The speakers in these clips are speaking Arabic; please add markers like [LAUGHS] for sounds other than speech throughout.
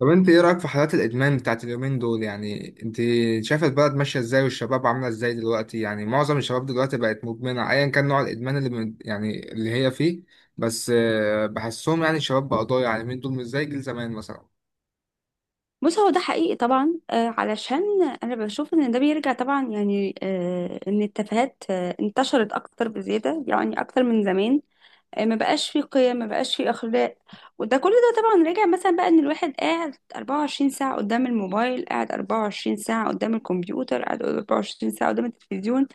طب انت ايه رأيك في حالات الادمان بتاعت اليومين دول؟ يعني انت شايفة البلد ماشية ازاي والشباب عاملة ازاي دلوقتي؟ يعني معظم الشباب دلوقتي بقت مدمنة ايا كان نوع الادمان اللي من يعني اللي هي فيه. بس بحسهم يعني الشباب بقى ضايع، يعني اليومين دول مش زي جيل زمان مثلا. بص هو ده حقيقي طبعا. علشان انا بشوف ان ده بيرجع طبعا يعني ان التفاهات انتشرت اكتر بزياده يعني اكتر من زمان. ما بقاش في قيم، ما بقاش في اخلاق. وده كل ده طبعا راجع مثلا بقى ان الواحد قاعد 24 ساعه قدام الموبايل، قاعد 24 ساعه قدام الكمبيوتر، قاعد 24 ساعه قدام التلفزيون.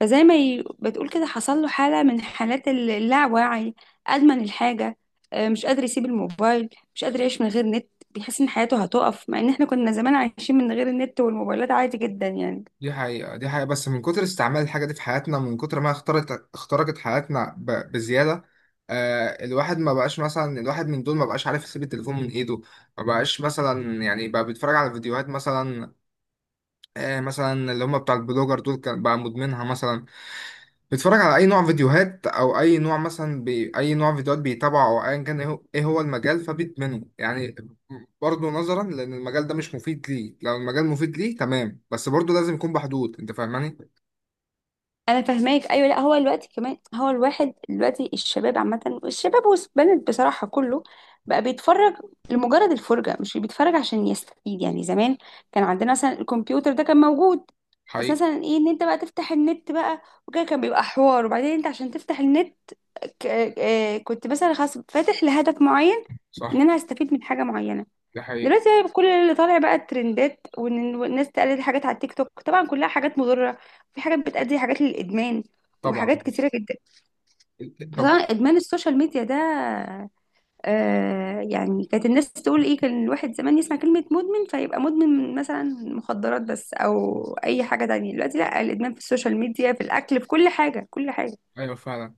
فزي ما بتقول كده حصل له حالة من حالات اللاوعي، أدمن الحاجة. مش قادر يسيب الموبايل، مش قادر يعيش من غير نت، بيحس إن حياته هتقف، مع إن إحنا كنا زمان عايشين من غير النت والموبايلات عادي جدا يعني. دي حقيقة بس من كتر استعمال الحاجة دي في حياتنا، من كتر ما اخترقت حياتنا بزيادة. الواحد ما بقاش، مثلا الواحد من دول ما بقاش عارف يسيب التليفون من ايده. ما بقاش مثلا، يعني بقى بيتفرج على فيديوهات مثلا. مثلا اللي هم بتاع البلوجر دول كان بقى مدمنها مثلا. بيتفرج على اي نوع فيديوهات او اي نوع، اي نوع فيديوهات بيتابعه، او ايا كان ايه هو إيه هو المجال، فبيدمنه يعني. برضه نظرا لان المجال ده مش مفيد ليه. لو المجال مفيد ليه تمام، بس برضه لازم يكون بحدود. انت فاهماني؟ انا فاهماك، ايوه. لا، هو دلوقتي كمان هو الواحد دلوقتي، الشباب عامه، الشباب والبنات بصراحه، كله بقى بيتفرج لمجرد الفرجه، مش بيتفرج عشان يستفيد. يعني زمان كان عندنا مثلا الكمبيوتر ده كان موجود، بس حقيقي. مثلا ايه، ان انت بقى تفتح النت بقى وكده، كان بيبقى حوار. وبعدين انت عشان تفتح النت كنت مثلا خلاص فاتح لهدف معين، ان صح. انا هستفيد من حاجه معينه. دي حقيقة. دلوقتي بقى كل اللي طالع بقى الترندات، وان الناس تقلد حاجات على التيك توك، طبعا كلها حاجات مضرة. في حاجات بتأدي حاجات للإدمان، طبعا. وحاجات كتيرة جدا. فطبعا طب. إدمان السوشيال ميديا ده آه يعني، كانت الناس تقول ايه، كان الواحد زمان يسمع كلمة مدمن فيبقى مدمن مثلا مخدرات بس، او اي حاجة تانية. دلوقتي لا، الإدمان في السوشيال ميديا، في الأكل، في كل حاجة، كل حاجة. ايوه فعلا.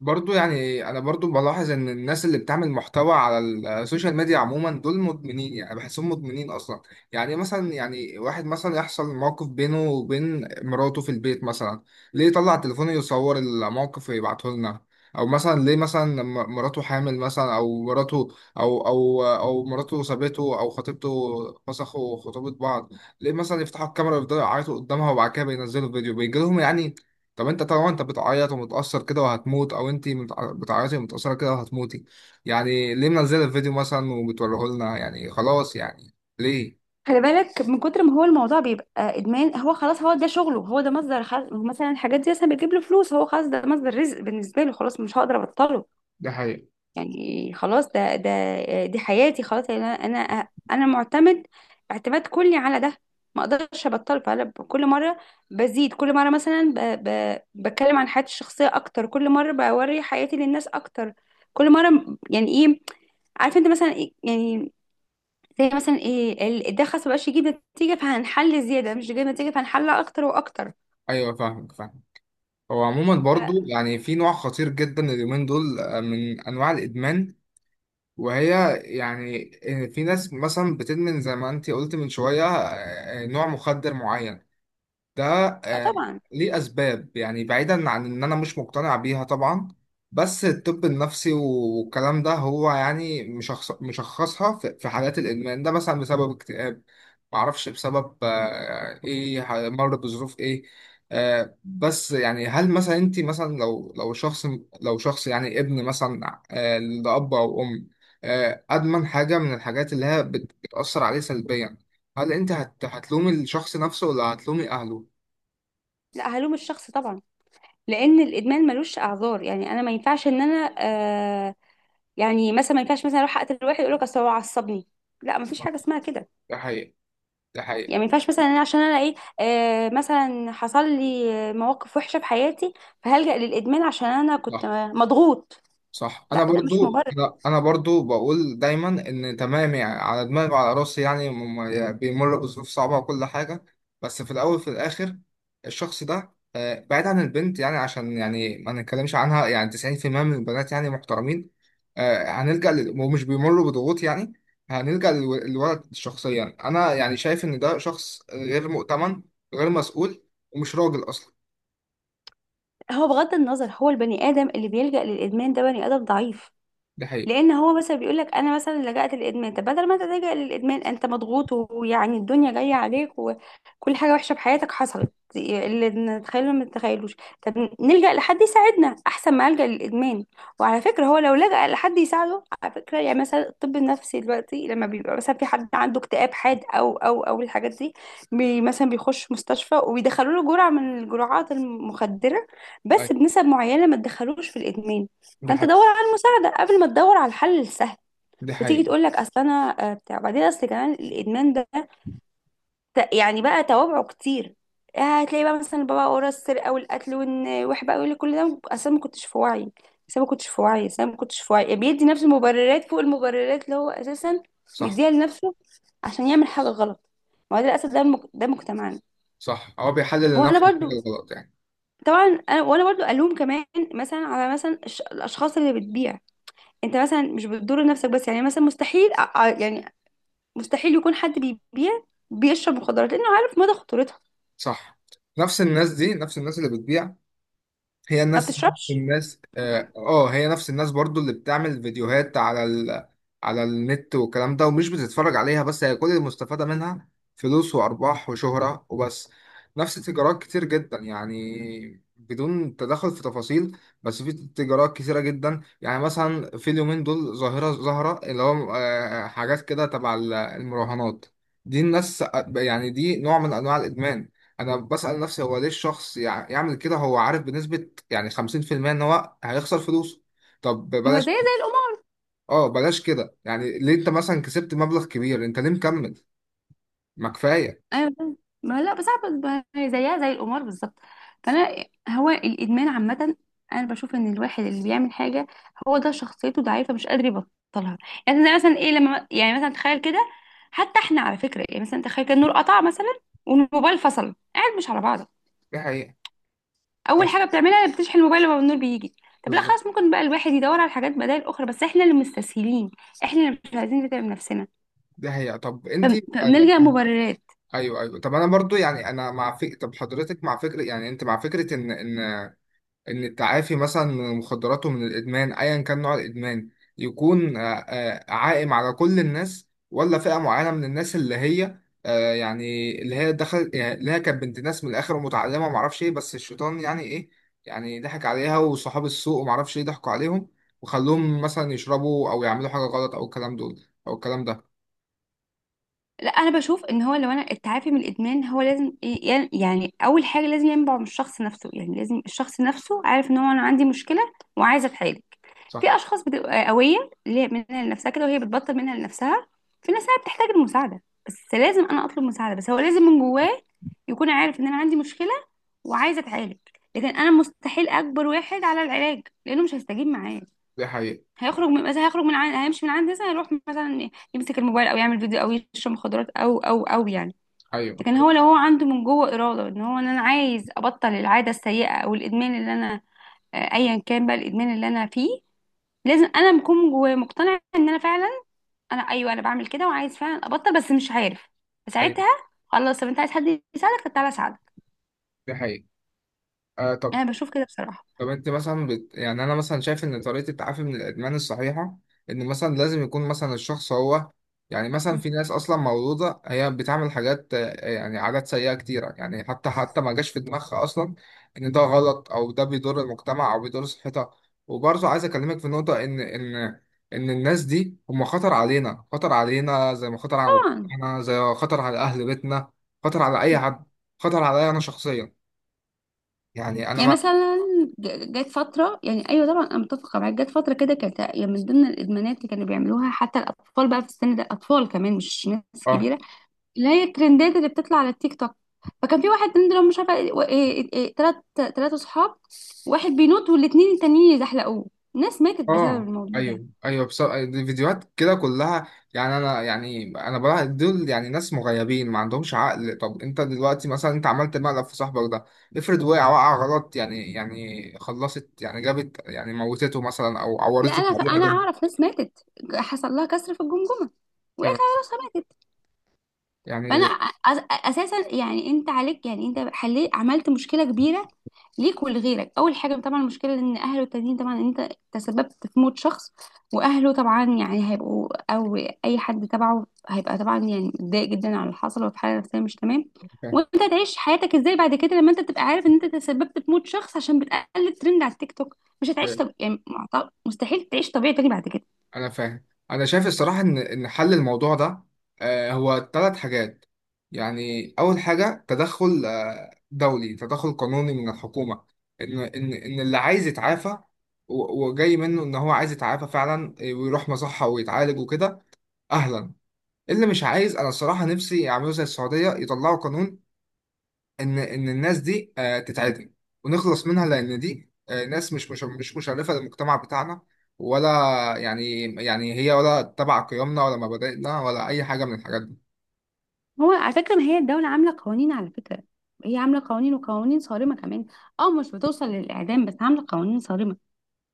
برضو يعني انا برضو بلاحظ ان الناس اللي بتعمل محتوى على السوشيال ميديا عموما دول مدمنين، يعني بحسهم مدمنين اصلا. يعني مثلا، يعني واحد مثلا يحصل موقف بينه وبين مراته في البيت مثلا، ليه يطلع تليفونه يصور الموقف ويبعته لنا؟ او مثلا ليه مثلا لما مراته حامل مثلا، او مراته او مراته سابته او خطيبته فسخوا خطوبة بعض، ليه مثلا يفتحوا الكاميرا ويفضلوا يعيطوا قدامها، وبعد كده بينزلوا فيديو بيجي لهم يعني؟ طب انت طبعا انت بتعيط ومتأثر كده وهتموت، او انت بتعيطي ومتأثرة كده وهتموتي، يعني ليه منزله الفيديو مثلا وبتوريه لنا يعني؟ خلاص يعني، ليه؟ خلي بالك، من كتر ما هو الموضوع بيبقى ادمان، هو خلاص هو ده شغله، هو ده مصدر مثلا الحاجات دي مثلا بتجيب له فلوس، هو خلاص ده مصدر رزق بالنسبه له، خلاص مش هقدر ابطله. ده حقيقة. يعني خلاص ده، دي حياتي خلاص يعني، انا معتمد اعتماد كلي على ده، ما اقدرش ابطله. فانا كل مره بزيد، كل مره ب... بتكلم عن حياتي الشخصيه اكتر، كل مره بوري حياتي للناس اكتر، كل مره يعني ايه، عارف انت مثلا يعني زي مثلا ايه ده خلاص مبقاش يجيب نتيجه، فهنحل زياده، مش جايب نتيجه، فهنحلها اكتر واكتر. ايوه، فاهمك. هو عموما برضو ف- يعني في نوع خطير جدا اليومين دول من انواع الادمان، وهي يعني، في ناس مثلا بتدمن زي ما انت قلت من شويه، نوع مخدر معين ده. آه آه، طبعا. ليه أسباب، يعني بعيدا عن إن أنا مش مقتنع بيها طبعا، بس الطب النفسي والكلام ده هو يعني مشخصها في حالات الإدمان ده مثلا بسبب اكتئاب، معرفش بسبب مر بظروف إيه. بس يعني هل مثلا أنت مثلا لو شخص، لو شخص يعني ابن مثلا لأب أو أم أدمن حاجة من الحاجات اللي هي بتأثر عليه سلبيا، هل أنت هتلومي الشخص نفسه ولا هتلومي أهله؟ لا، هلوم الشخص طبعا، لان الادمان ملوش اعذار. يعني انا ما ينفعش ان انا يعني مثلا ما ينفعش مثلا اروح اقتل واحد اقول لك اصل هو عصبني، لا ما فيش حاجه اسمها كده. ده حقيقة. ده حقيقة. يعني ما ينفعش مثلا انا عشان انا ايه، مثلا حصل لي مواقف وحشه في حياتي فهلجأ للادمان عشان انا كنت صح. مضغوط، صح، انا لا ده مش برضو. مبرر. لا انا برضو بقول دايما ان تمام، يعني على دماغي وعلى راسي، يعني يعني بيمر بظروف صعبة وكل حاجة، بس في الاول في الاخر الشخص ده بعيد عن البنت، يعني عشان يعني ما نتكلمش عنها، يعني 90% من البنات يعني محترمين هنلجأ ومش بيمروا بضغوط يعني. هنلجأ للولد شخصيا، انا يعني شايف ان ده شخص غير مؤتمن، غير مسؤول، ومش راجل اصلا. هو بغض النظر، هو البني ادم اللي بيلجأ للادمان ده بني ادم ضعيف، ده حقيقة. لان هو مثلا بيقول لك انا مثلا لجأت للادمان. طب بدل ما انت تلجأ للادمان، انت مضغوط ويعني الدنيا جايه عليك وكل حاجه وحشه بحياتك حصلت اللي نتخيله ما نتخيلوش، طب نلجأ لحد يساعدنا احسن ما ألجأ للادمان. وعلى فكره هو لو لجأ لحد يساعده على فكره، يعني مثلا الطب النفسي دلوقتي لما بيبقى مثلا في حد عنده اكتئاب حاد او الحاجات دي، مثلا بيخش مستشفى وبيدخلوا له جرعه من الجرعات المخدره، أيوة. بس بنسب معينه ما تدخلوش في الادمان. ده فانت دور حقيقة. على المساعده قبل ما تدور على الحل السهل. دي وتيجي حقيقة. تقول لك اصل انا بتاع. بعدين اصل كمان الادمان ده يعني بقى توابعه كتير. هتلاقي بقى مثلا بابا ورا السرقه والقتل، وان واحد بقى يقول لك كل ده اصل أنا ما كنتش في وعي، اصل أنا ما كنتش في وعي اصل أنا ما كنتش في وعي. يعني بيدي نفسه مبررات فوق المبررات اللي هو اساسا صح. بيديها لنفسه عشان يعمل حاجه غلط. ما هو ده للاسف، ده مجتمعنا. صح، هو بيحلل وانا لنفسه برضو الحاجة الغلط يعني. طبعا انا برضو الوم كمان مثلا على مثلا الاشخاص اللي بتبيع. انت مثلا مش بتضر نفسك بس، يعني مثلا مستحيل يعني مستحيل يكون حد بيبيع بيشرب مخدرات، لانه عارف مدى خطورتها، صح. نفس الناس اللي بتبيع، هي ما الناس نفس بتشربش. الناس اه آه، هي نفس الناس برضو اللي بتعمل فيديوهات على النت والكلام ده، ومش بتتفرج عليها، بس هي كل المستفادة منها فلوس وأرباح وشهرة وبس. نفس تجارات كتير جدا، يعني بدون تدخل في تفاصيل، بس في تجارات كتيرة جدا، يعني مثلا في اليومين دول ظاهرة، اللي هو حاجات كده تبع المراهنات دي. الناس يعني دي نوع من أنواع الإدمان. انا بسأل نفسي هو ليه الشخص يعمل كده؟ هو عارف بنسبة يعني 50% ان هو هيخسر فلوسه. طب ما هو زيها بلاش، زي القمار. اه بلاش كده، يعني ليه؟ انت مثلا كسبت مبلغ كبير، انت ليه مكمل؟ ما كفايه. ايوه فاهم. ما لا بس، عارفة ما هي زيها زي القمار بالظبط. فانا هو الادمان عامه، انا بشوف ان الواحد اللي بيعمل حاجه هو ده شخصيته ضعيفه مش قادر يبطلها. يعني زي مثلا ايه، لما يعني مثلا تخيل كده، حتى احنا على فكره يعني مثلا تخيل كده، النور قطع مثلا والموبايل فصل قاعد مش على بعض، دي حقيقه. اول بس. حاجه بتعملها بتشحن الموبايل لما النور بيجي. طب لا، بالظبط. خلاص ممكن بقى الواحد يدور على حاجات بدائل اخرى، بس احنا اللي مستسهلين، احنا اللي مش عايزين نتعب نفسنا دي حقيقه. طب انت. فبنلجأ مبررات. ايوه ايوه. طب انا برضو يعني انا طب حضرتك مع فكره، يعني انت مع فكره ان ان التعافي مثلا من المخدرات ومن الادمان ايا كان نوع الادمان يكون عائم على كل الناس، ولا فئة معينة من الناس اللي هي آه، يعني اللي هي دخلت، يعني اللي هي كانت بنت ناس من الاخر ومتعلمة ومعرفش ايه، بس الشيطان يعني ايه، يعني ضحك عليها، وصحاب السوق ومعرفش ايه ضحكوا عليهم وخلوهم مثلا يشربوا او يعملوا حاجة غلط، او الكلام دول او الكلام ده. لا انا بشوف ان هو، لو انا التعافي من الادمان هو لازم يعني اول حاجه لازم ينبع من الشخص نفسه، يعني لازم الشخص نفسه عارف ان هو انا عندي مشكله وعايزه اتعالج. في صح. اشخاص بتبقى قويه اللي هي منها لنفسها كده وهي بتبطل منها لنفسها. في ناس بتحتاج المساعده، بس لازم انا اطلب مساعده، بس هو لازم من جواه يكون عارف ان انا عندي مشكله وعايزه اتعالج. لكن انا مستحيل اجبر واحد على العلاج لانه مش هيستجيب معايا، دي حقيقة. هيخرج من مثلا هيمشي من عندي، مثلا هيروح مثلا يمسك الموبايل او يعمل فيديو او يشرب مخدرات او يعني. ايوه لكن ايوه. هو لو هو عنده من جوه اراده ان هو، ان انا عايز ابطل العاده السيئه او الادمان اللي انا، ايا كان بقى الادمان اللي انا فيه، لازم انا بكون جوايا مقتنعه ان انا فعلا، انا ايوه انا بعمل كده وعايز فعلا ابطل بس مش عارف. أيوة. فساعتها خلاص، طب انت عايز حد يساعدك، طب تعالى اساعدك. دي حقيقة. آه طب. يعني انا بشوف كده بصراحه. طب انت مثلا يعني انا مثلا شايف ان طريقه التعافي من الادمان الصحيحه ان مثلا لازم يكون مثلا الشخص هو، يعني مثلا في ناس اصلا مولوده هي بتعمل حاجات يعني عادات سيئه كتيره، يعني حتى ما جاش في دماغها اصلا ان ده غلط او ده بيضر المجتمع او بيضر صحتها. وبرضه عايز اكلمك في نقطه ان ان الناس دي هم خطر علينا، خطر علينا زي ما خطر على طبعا. مجتمعنا زي ما خطر على اهل بيتنا، خطر على اي حد، خطر عليا انا شخصيا. يعني انا يعني ما. مثلا جت فترة، يعني أيوة طبعا أنا متفقة معاك، جت فترة كده كانت يعني من ضمن الإدمانات اللي كانوا بيعملوها حتى الأطفال بقى في السن ده، أطفال كمان مش ناس اه كبيرة، اللي هي الترندات اللي بتطلع على التيك توك. فكان في واحد ترند لو مش عارفة إيه- إيه- إيه، تلات تلات أصحاب واحد بينط والاتنين التانيين يزحلقوه، ناس ماتت بسبب اه. الموضوع ده. ايوه ايوه، بس دي فيديوهات كده كلها، يعني انا، يعني انا بلاحظ دول يعني ناس مغيبين ما عندهمش عقل. طب انت دلوقتي مثلا انت عملت مقلب في صاحبك ده، افرض وقع غلط، يعني يعني خلصت، يعني جابت يعني موتته مثلا، او لا عورته أنا، بأي [LAUGHS] حاجة. أعرف ناس ماتت حصل لها كسر في الجمجمة، وقعت على راسها. يعني. اساسا يعني انت عليك، يعني انت حليت، عملت مشكله كبيره ليك ولغيرك. اول حاجه طبعا المشكله ان اهله التانيين، طبعا انت تسببت في موت شخص واهله طبعا يعني هيبقوا، او اي حد تبعه هيبقى طبعا يعني متضايق جدا على اللي حصل وفي حاله نفسيه مش تمام. يعني. وانت تعيش حياتك ازاي بعد كده لما انت تبقى عارف ان انت تسببت في موت شخص عشان بتقلد ترند على التيك توك؟ مش هتعيش. يعني مستحيل تعيش طبيعي تاني بعد كده. انا فاهم، انا شايف الصراحه ان ان حل الموضوع ده هو ثلاث حاجات. يعني اول حاجه تدخل دولي، تدخل قانوني من الحكومه ان ان اللي عايز يتعافى وجاي منه ان هو عايز يتعافى فعلا ويروح مصحه ويتعالج وكده، اهلا. اللي مش عايز انا الصراحه نفسي يعملوا زي السعوديه، يطلعوا قانون ان الناس دي تتعدم ونخلص منها، لان دي ناس مش مشرفه للمجتمع بتاعنا، ولا يعني، يعني هي ولا تبع قيمنا ولا مبادئنا ولا اي حاجه من الحاجات دي. هو على فكرة ما هي الدولة عاملة قوانين على فكرة، هي عاملة قوانين وقوانين صارمة كمان. اه مش بتوصل للإعدام بس عاملة قوانين صارمة.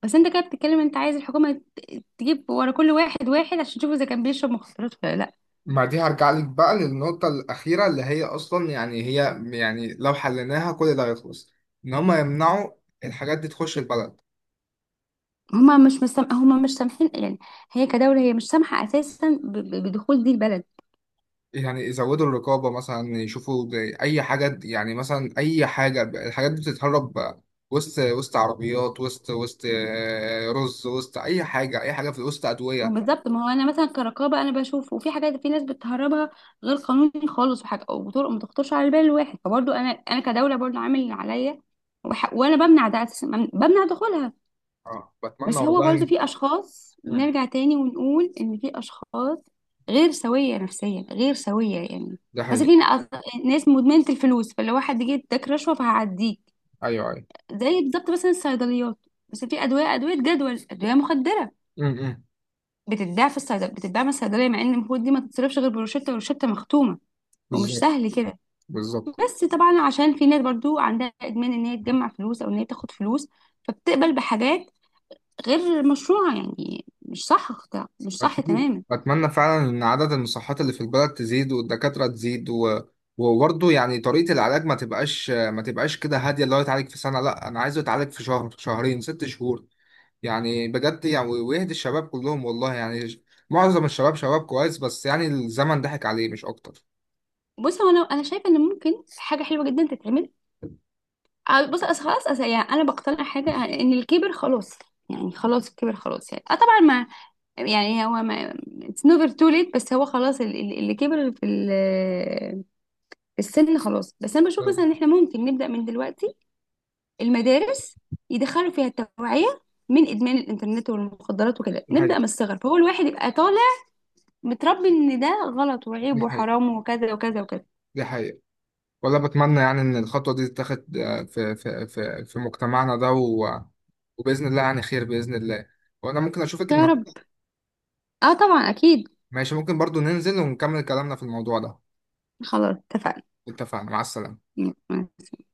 بس انت كده بتتكلم، انت عايز الحكومة تجيب ورا كل واحد واحد عشان تشوف اذا كان بيشرب مخدرات ولا لا؟ مع دي هرجع لك بقى للنقطه الاخيره، اللي هي اصلا يعني هي يعني لو حليناها كل ده هيخلص: ان هم يمنعوا الحاجات دي تخش البلد. هما مش سامحين يعني، هي كدولة هي مش سامحة اساسا بدخول دي البلد. يعني يزودوا الرقابة مثلا، يشوفوا زي أي حاجة، يعني مثلا أي حاجة الحاجات دي بتتهرب وسط عربيات، وسط وسط آه، رز، وسط أي حاجة، أي حاجة في وسط ما هو أدوية. بالظبط، ما هو انا مثلا كرقابة انا بشوف، وفي حاجات في ناس بتهربها غير قانوني خالص، وحاجة وطرق ما تخطرش على بال الواحد. فبرضه انا، انا كدولة برضه عامل اللي عليا، وانا بمنع ده اساسا، بمنع دخولها. أه بتمنى بس هو والله برضو إن. في اشخاص، مم. نرجع تاني ونقول ان في اشخاص غير سوية نفسيا، غير سوية يعني. ده مثلا حقيقي. في ناس مدمنة الفلوس، فلو واحد جه اداك رشوة فهعديك. أيوه أيوه. زي بالظبط مثلا الصيدليات، بس في ادوية، ادوية جدول، ادوية مخدرة امم. بتتباع في الصيدلية، بتتباع من الصيدلية، مع ان المفروض دي ما تتصرفش غير بروشتة والروشتة مختومة ومش بالظبط. سهل كده. بالظبط. بس طبعا عشان في ناس برضو عندها ادمان ان هي تجمع فلوس او ان هي تاخد فلوس، فبتقبل بحاجات غير مشروعة. يعني مش صح، ده مش صح أتمنى تماما. أتمنى فعلا إن عدد المصحات اللي في البلد تزيد، والدكاترة تزيد و... وبرضه يعني طريقة العلاج ما تبقاش كده هادية اللي هو يتعالج في سنة، لا أنا عايزه يتعالج في شهر، شهرين، ست شهور، يعني بجد يعني، ويهدي الشباب كلهم والله، يعني معظم الشباب شباب كويس بس يعني الزمن ضحك عليه مش أكتر. بص هو انا، انا شايفه ان ممكن حاجه حلوه جدا تتعمل. بص أصل خلاص، أصل يعني انا بقتنع حاجه ان الكبر خلاص، يعني خلاص الكبر خلاص. يعني آه طبعا ما يعني هو ما اتس نوفر تو ليت. بس هو خلاص اللي كبر في في السن خلاص. بس انا بشوف آه، مثلا ان احنا ممكن نبدا من دلوقتي المدارس يدخلوا فيها التوعيه من ادمان الانترنت والمخدرات وكده، دي نبدا حقيقة من الصغر فهو الواحد يبقى طالع متربي ان ده غلط دي وعيب حقيقة وحرام وكذا وكذا وكذا. دي حقيقة ولا بتمنى يعني إن الخطوة دي تتاخد في مجتمعنا ده و... وبإذن الله يعني خير بإذن الله. وأنا ممكن أشوفك يا رب. النهاردة. اه طبعا اكيد. ماشي، ممكن برضو ننزل ونكمل كلامنا في الموضوع ده. خلاص. اتفقنا، مع السلامة. اتفقنا.